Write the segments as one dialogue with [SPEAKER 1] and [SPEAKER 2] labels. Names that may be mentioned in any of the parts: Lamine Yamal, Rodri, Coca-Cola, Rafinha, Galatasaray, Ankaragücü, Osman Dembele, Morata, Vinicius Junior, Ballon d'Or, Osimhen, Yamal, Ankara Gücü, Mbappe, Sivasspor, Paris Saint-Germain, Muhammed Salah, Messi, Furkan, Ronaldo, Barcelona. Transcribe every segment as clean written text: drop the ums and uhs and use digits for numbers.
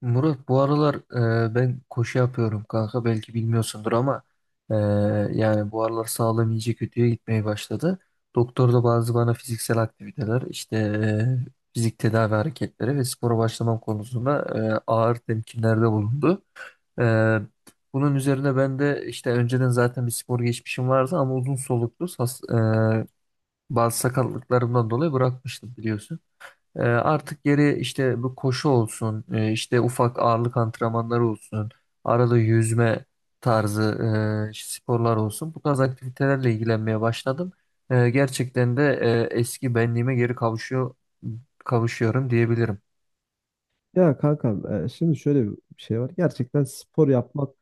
[SPEAKER 1] Murat bu aralar, ben koşu yapıyorum kanka, belki bilmiyorsundur ama e, yani bu aralar sağlığım iyice kötüye gitmeye başladı. Doktor da bazı bana fiziksel aktiviteler işte, fizik tedavi hareketleri ve spora başlamam konusunda ağır temkinlerde bulundu. E, Bunun üzerine ben de işte önceden zaten bir spor geçmişim vardı ama uzun soluklu e, bazı sakatlıklarımdan dolayı bırakmıştım biliyorsun. Artık geri işte bu koşu olsun, işte ufak ağırlık antrenmanları olsun, arada yüzme tarzı sporlar olsun. Bu tarz aktivitelerle ilgilenmeye başladım. Gerçekten de eski benliğime geri kavuşuyorum diyebilirim.
[SPEAKER 2] Ya kanka, şimdi şöyle bir şey var. Gerçekten spor yapmak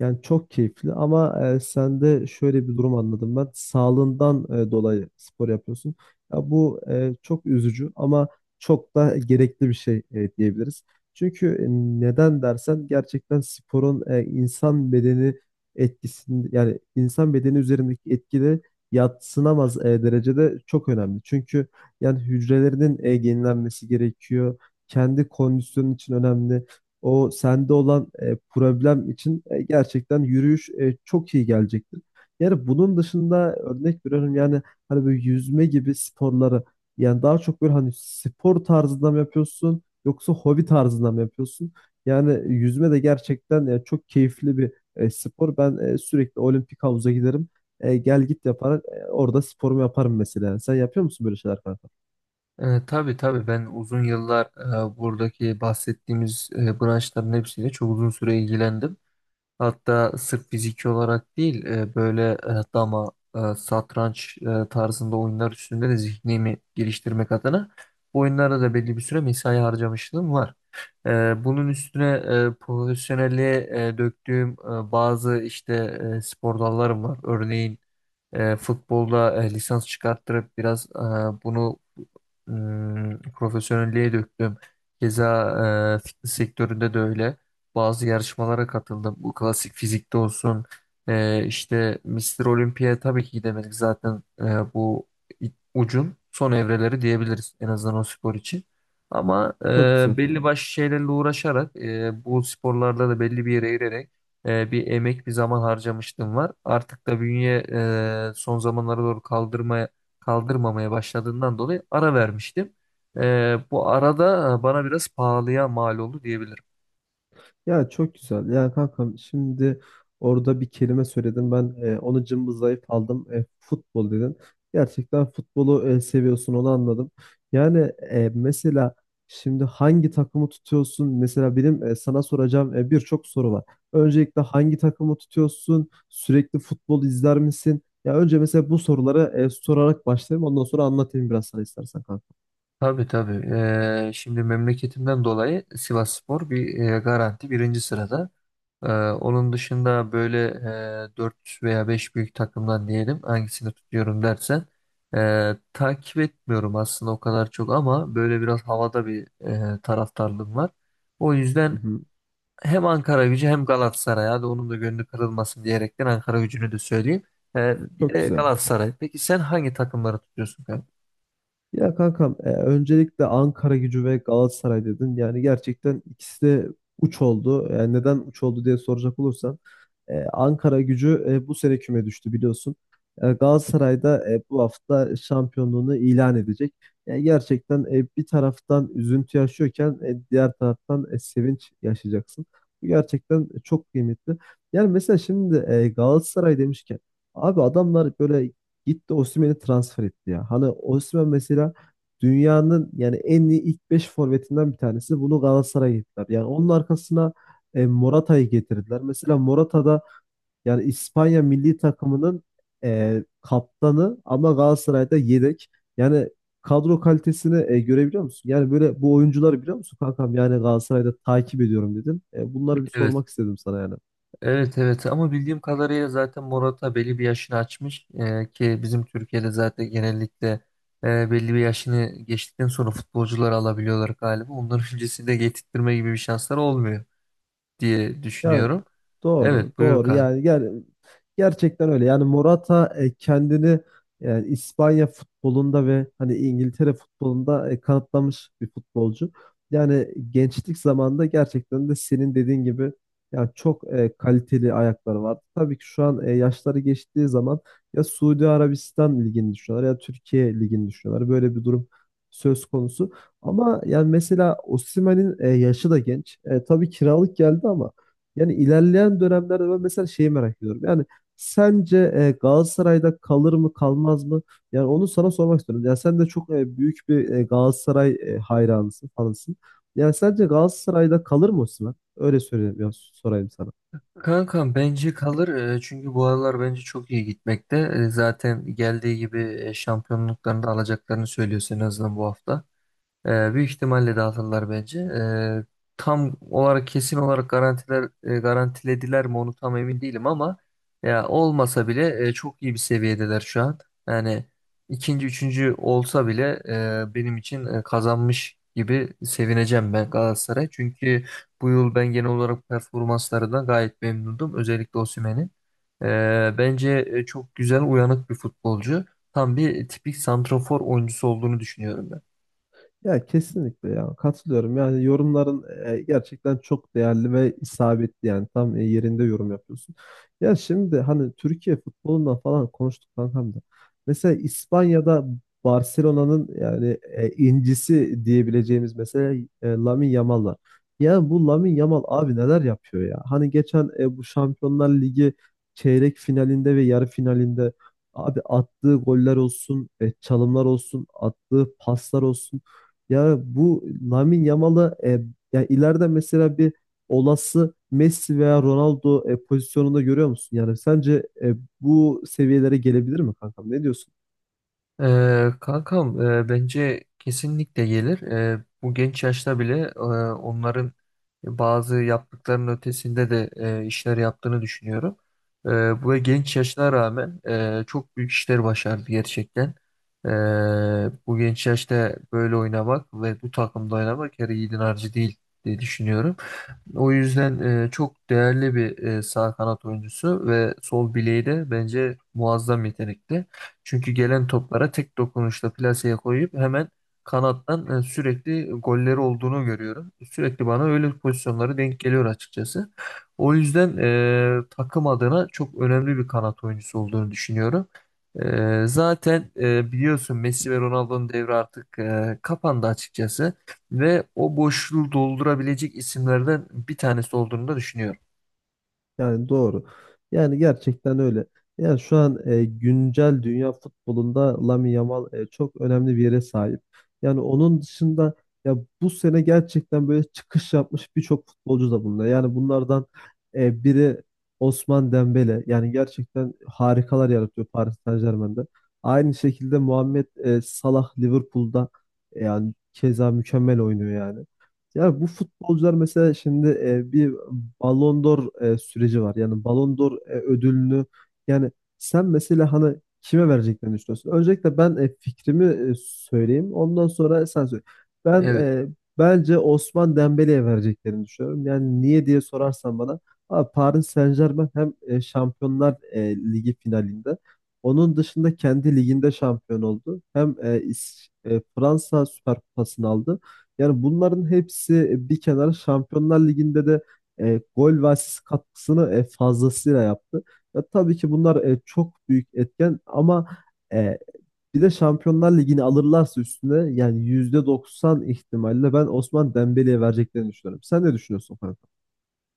[SPEAKER 2] yani çok keyifli ama sen de şöyle bir durum anladım ben. Sağlığından dolayı spor yapıyorsun. Ya bu çok üzücü ama çok da gerekli bir şey diyebiliriz. Çünkü neden dersen gerçekten sporun insan bedeni etkisini yani insan bedeni üzerindeki etkide yadsınamaz derecede çok önemli. Çünkü yani hücrelerinin yenilenmesi gerekiyor. Kendi kondisyonun için önemli o sende olan problem için gerçekten yürüyüş çok iyi gelecektir. Yani bunun dışında örnek veriyorum yani hani böyle yüzme gibi sporları yani daha çok böyle hani spor tarzında mı yapıyorsun yoksa hobi tarzında mı yapıyorsun? Yani yüzme de gerçekten çok keyifli bir spor. Ben sürekli olimpik havuza giderim. Gel git yaparak orada sporumu yaparım mesela. Sen yapıyor musun böyle şeyler kanka?
[SPEAKER 1] Tabii tabii, ben uzun yıllar buradaki bahsettiğimiz branşların hepsiyle çok uzun süre ilgilendim. Hatta sırf fiziki olarak değil, böyle dama, satranç tarzında oyunlar üstünde de zihnimi geliştirmek adına bu oyunlara da belli bir süre mesai harcamışlığım var. Bunun üstüne profesyonelliğe döktüğüm bazı işte spor dallarım var. Örneğin futbolda lisans çıkarttırıp biraz bunu profesyonelliğe döktüm. Keza fitness sektöründe de öyle. Bazı yarışmalara katıldım. Bu klasik fizikte olsun. İşte Mr. Olympia, tabii ki gidemedik zaten, bu ucun son evreleri diyebiliriz en azından o spor için. Ama
[SPEAKER 2] Çok güzel.
[SPEAKER 1] belli başlı şeylerle uğraşarak bu sporlarda da belli bir yere girerek bir emek bir zaman harcamıştım var. Artık da bünye son zamanlara doğru kaldırmamaya başladığından dolayı ara vermiştim. Bu arada bana biraz pahalıya mal oldu diyebilirim.
[SPEAKER 2] Ya çok güzel. Yani kankam şimdi orada bir kelime söyledin. Ben onu cımbızlayıp aldım. Futbol dedin. Gerçekten futbolu seviyorsun onu anladım. Yani mesela şimdi hangi takımı tutuyorsun? Mesela benim sana soracağım birçok soru var. Öncelikle hangi takımı tutuyorsun? Sürekli futbol izler misin? Ya önce mesela bu soruları sorarak başlayayım. Ondan sonra anlatayım biraz sana istersen kanka.
[SPEAKER 1] Tabii tabii. Şimdi memleketimden dolayı Sivasspor bir garanti birinci sırada. Onun dışında böyle 4 veya 5 büyük takımdan diyelim, hangisini tutuyorum dersen, takip etmiyorum aslında o kadar çok, ama böyle biraz havada bir taraftarlığım var. O
[SPEAKER 2] Hı
[SPEAKER 1] yüzden
[SPEAKER 2] hı.
[SPEAKER 1] hem Ankaragücü hem Galatasaray, hadi onun da gönlü kırılmasın diyerekten Ankaragücü'nü de söyleyeyim. Bir
[SPEAKER 2] Çok
[SPEAKER 1] de
[SPEAKER 2] güzel.
[SPEAKER 1] Galatasaray. Peki sen hangi takımları tutuyorsun kanka?
[SPEAKER 2] Ya kankam öncelikle Ankara Gücü ve Galatasaray dedin. Yani gerçekten ikisi de uç oldu. Yani neden uç oldu diye soracak olursan. Ankara Gücü bu sene küme düştü biliyorsun. Galatasaray da bu hafta şampiyonluğunu ilan edecek. Yani gerçekten bir taraftan üzüntü yaşıyorken diğer taraftan sevinç yaşayacaksın. Bu gerçekten çok kıymetli. Yani mesela şimdi Galatasaray demişken abi adamlar böyle gitti Osimhen'i transfer etti ya. Hani Osimhen mesela dünyanın yani en iyi ilk 5 forvetinden bir tanesi. Bunu Galatasaray'a getirdiler. Yani onun arkasına Morata'yı getirdiler. Mesela Morata yani İspanya milli takımının kaptanı ama Galatasaray'da yedek. Yani kadro kalitesini görebiliyor musun? Yani böyle bu oyuncuları biliyor musun kankam? Yani Galatasaray'da takip ediyorum dedim. Bunları bir
[SPEAKER 1] Evet.
[SPEAKER 2] sormak istedim sana yani.
[SPEAKER 1] Evet evet, ama bildiğim kadarıyla zaten Morata belli bir yaşını açmış. Ki bizim Türkiye'de zaten genellikle belli bir yaşını geçtikten sonra futbolcuları alabiliyorlar galiba. Onların öncesinde getirtme gibi bir şansları olmuyor diye
[SPEAKER 2] Ya
[SPEAKER 1] düşünüyorum.
[SPEAKER 2] doğru,
[SPEAKER 1] Evet, buyur
[SPEAKER 2] doğru.
[SPEAKER 1] kanka.
[SPEAKER 2] Yani gerçekten öyle. Yani Morata kendini yani İspanya futbolunda ve hani İngiltere futbolunda kanıtlamış bir futbolcu. Yani gençlik zamanında gerçekten de senin dediğin gibi yani çok kaliteli ayakları var. Tabii ki şu an yaşları geçtiği zaman ya Suudi Arabistan ligini düşünüyorlar ya Türkiye ligini düşünüyorlar. Böyle bir durum söz konusu. Ama yani mesela Osimhen'in yaşı da genç. Tabii kiralık geldi ama yani ilerleyen dönemlerde ben mesela şeyi merak ediyorum. Yani sence Galatasaray'da kalır mı kalmaz mı? Yani onu sana sormak istiyorum. Yani sen de çok büyük bir Galatasaray hayranısın, fanısın. Yani sence Galatasaray'da kalır mı Osimhen? Öyle söyleyeyim, ya, sorayım sana.
[SPEAKER 1] Kankam, bence kalır. Çünkü bu aralar bence çok iyi gitmekte. Zaten geldiği gibi şampiyonluklarını da alacaklarını söylüyorsun en azından bu hafta. Büyük ihtimalle dağıtırlar bence. Tam olarak kesin olarak garantilediler mi onu tam emin değilim, ama ya olmasa bile çok iyi bir seviyedeler şu an. Yani ikinci, üçüncü olsa bile benim için kazanmış gibi sevineceğim ben Galatasaray. Çünkü bu yıl ben genel olarak performanslarından gayet memnundum. Özellikle Osimhen'in. Bence çok güzel uyanık bir futbolcu. Tam bir tipik santrafor oyuncusu olduğunu düşünüyorum ben.
[SPEAKER 2] Ya kesinlikle ya katılıyorum. Yani yorumların gerçekten çok değerli ve isabetli yani tam yerinde yorum yapıyorsun. Ya şimdi hani Türkiye futbolundan falan konuştuk kankam da. Mesela İspanya'da Barcelona'nın yani incisi diyebileceğimiz mesela Lamine Yamal var. Ya bu Lamine Yamal abi neler yapıyor ya? Hani geçen bu Şampiyonlar Ligi çeyrek finalinde ve yarı finalinde abi attığı goller olsun, çalımlar olsun, attığı paslar olsun. Ya bu Lamine Yamal'ı, ya ileride mesela bir olası Messi veya Ronaldo pozisyonunda görüyor musun? Yani sence bu seviyelere gelebilir mi kankam? Ne diyorsun?
[SPEAKER 1] Kankam, bence kesinlikle gelir. Bu genç yaşta bile onların bazı yaptıklarının ötesinde de işler yaptığını düşünüyorum. Ee, Bu genç yaşına rağmen çok büyük işler başardı gerçekten. Ee, Bu genç yaşta böyle oynamak ve bu takımda oynamak her yiğidin harcı değil diye düşünüyorum. O yüzden çok değerli bir sağ kanat oyuncusu ve sol bileği de bence muazzam yetenekli. Çünkü gelen toplara tek dokunuşla plaseye koyup hemen kanattan sürekli golleri olduğunu görüyorum. Sürekli bana öyle pozisyonları denk geliyor açıkçası. O yüzden takım adına çok önemli bir kanat oyuncusu olduğunu düşünüyorum. Zaten biliyorsun Messi ve Ronaldo'nun devri artık kapandı açıkçası ve o boşluğu doldurabilecek isimlerden bir tanesi olduğunu da düşünüyorum.
[SPEAKER 2] Yani doğru. Yani gerçekten öyle. Yani şu an güncel dünya futbolunda Lamine Yamal çok önemli bir yere sahip. Yani onun dışında ya bu sene gerçekten böyle çıkış yapmış birçok futbolcu da bunda. Yani bunlardan biri Osman Dembele. Yani gerçekten harikalar yaratıyor Paris Saint-Germain'de. Aynı şekilde Muhammed Salah Liverpool'da yani keza mükemmel oynuyor yani. Ya bu futbolcular mesela şimdi bir Ballon d'Or süreci var. Yani Ballon d'Or ödülünü yani sen mesela hani kime vereceklerini düşünüyorsun? Öncelikle ben fikrimi söyleyeyim. Ondan sonra sen söyle. Ben
[SPEAKER 1] Evet.
[SPEAKER 2] e, Bence Osman Dembele'ye vereceklerini düşünüyorum. Yani niye diye sorarsan bana abi Paris Saint-Germain hem Şampiyonlar Ligi finalinde onun dışında kendi liginde şampiyon oldu. Hem Fransa Süper Kupası'nı aldı. Yani bunların hepsi bir kenara Şampiyonlar Ligi'nde de gol ve asist katkısını fazlasıyla yaptı. Ya, tabii ki bunlar çok büyük etken ama e, bir de Şampiyonlar Ligi'ni alırlarsa üstüne yani %90 ihtimalle ben Osman Dembele'ye vereceklerini düşünüyorum. Sen ne düşünüyorsun Furkan?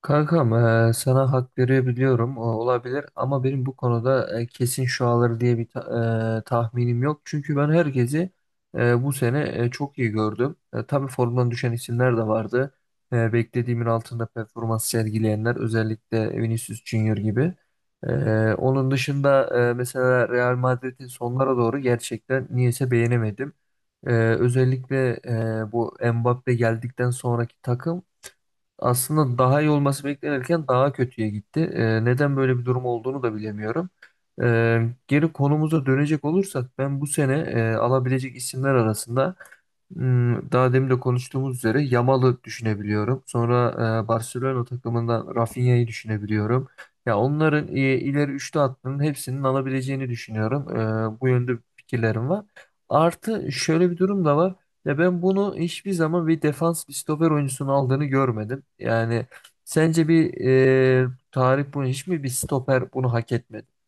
[SPEAKER 1] Kankam, sana hak verebiliyorum, o olabilir, ama benim bu konuda kesin şu alır diye bir tahminim yok. Çünkü ben herkesi bu sene çok iyi gördüm. Tabii formdan düşen isimler de vardı. Beklediğimin altında performans sergileyenler özellikle Vinicius Junior gibi. E, Onun dışında mesela Real Madrid'in sonlara doğru gerçekten niyeyse beğenemedim. Özellikle bu Mbappe geldikten sonraki takım aslında daha iyi olması beklenirken daha kötüye gitti. Neden böyle bir durum olduğunu da bilemiyorum. Geri konumuza dönecek olursak, ben bu sene alabilecek isimler arasında daha demin de konuştuğumuz üzere Yamal'ı düşünebiliyorum. Sonra Barcelona takımından Rafinha'yı düşünebiliyorum. Ya onların ileri üçlü hattının hepsinin alabileceğini düşünüyorum. Bu yönde fikirlerim var. Artı şöyle bir durum da var. Ya ben bunu hiçbir zaman bir defans, bir stoper oyuncusunun aldığını görmedim. Yani sence bir tarih bunu hiç mi bir stoper bunu hak etmedi?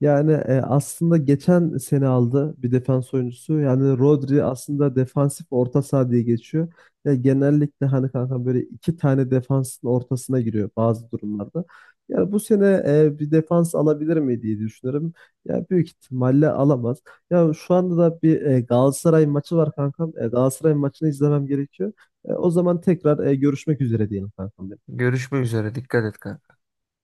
[SPEAKER 2] Yani aslında geçen sene aldı bir defans oyuncusu. Yani Rodri aslında defansif orta saha diye geçiyor. Ya genellikle hani kanka böyle iki tane defansın ortasına giriyor bazı durumlarda. Yani bu sene bir defans alabilir mi diye düşünüyorum. Ya büyük ihtimalle alamaz. Ya şu anda da bir Galatasaray maçı var kankam. Galatasaray maçını izlemem gerekiyor. O zaman tekrar görüşmek üzere diyelim kankam. Benim.
[SPEAKER 1] Görüşmek üzere. Dikkat et kardeşim.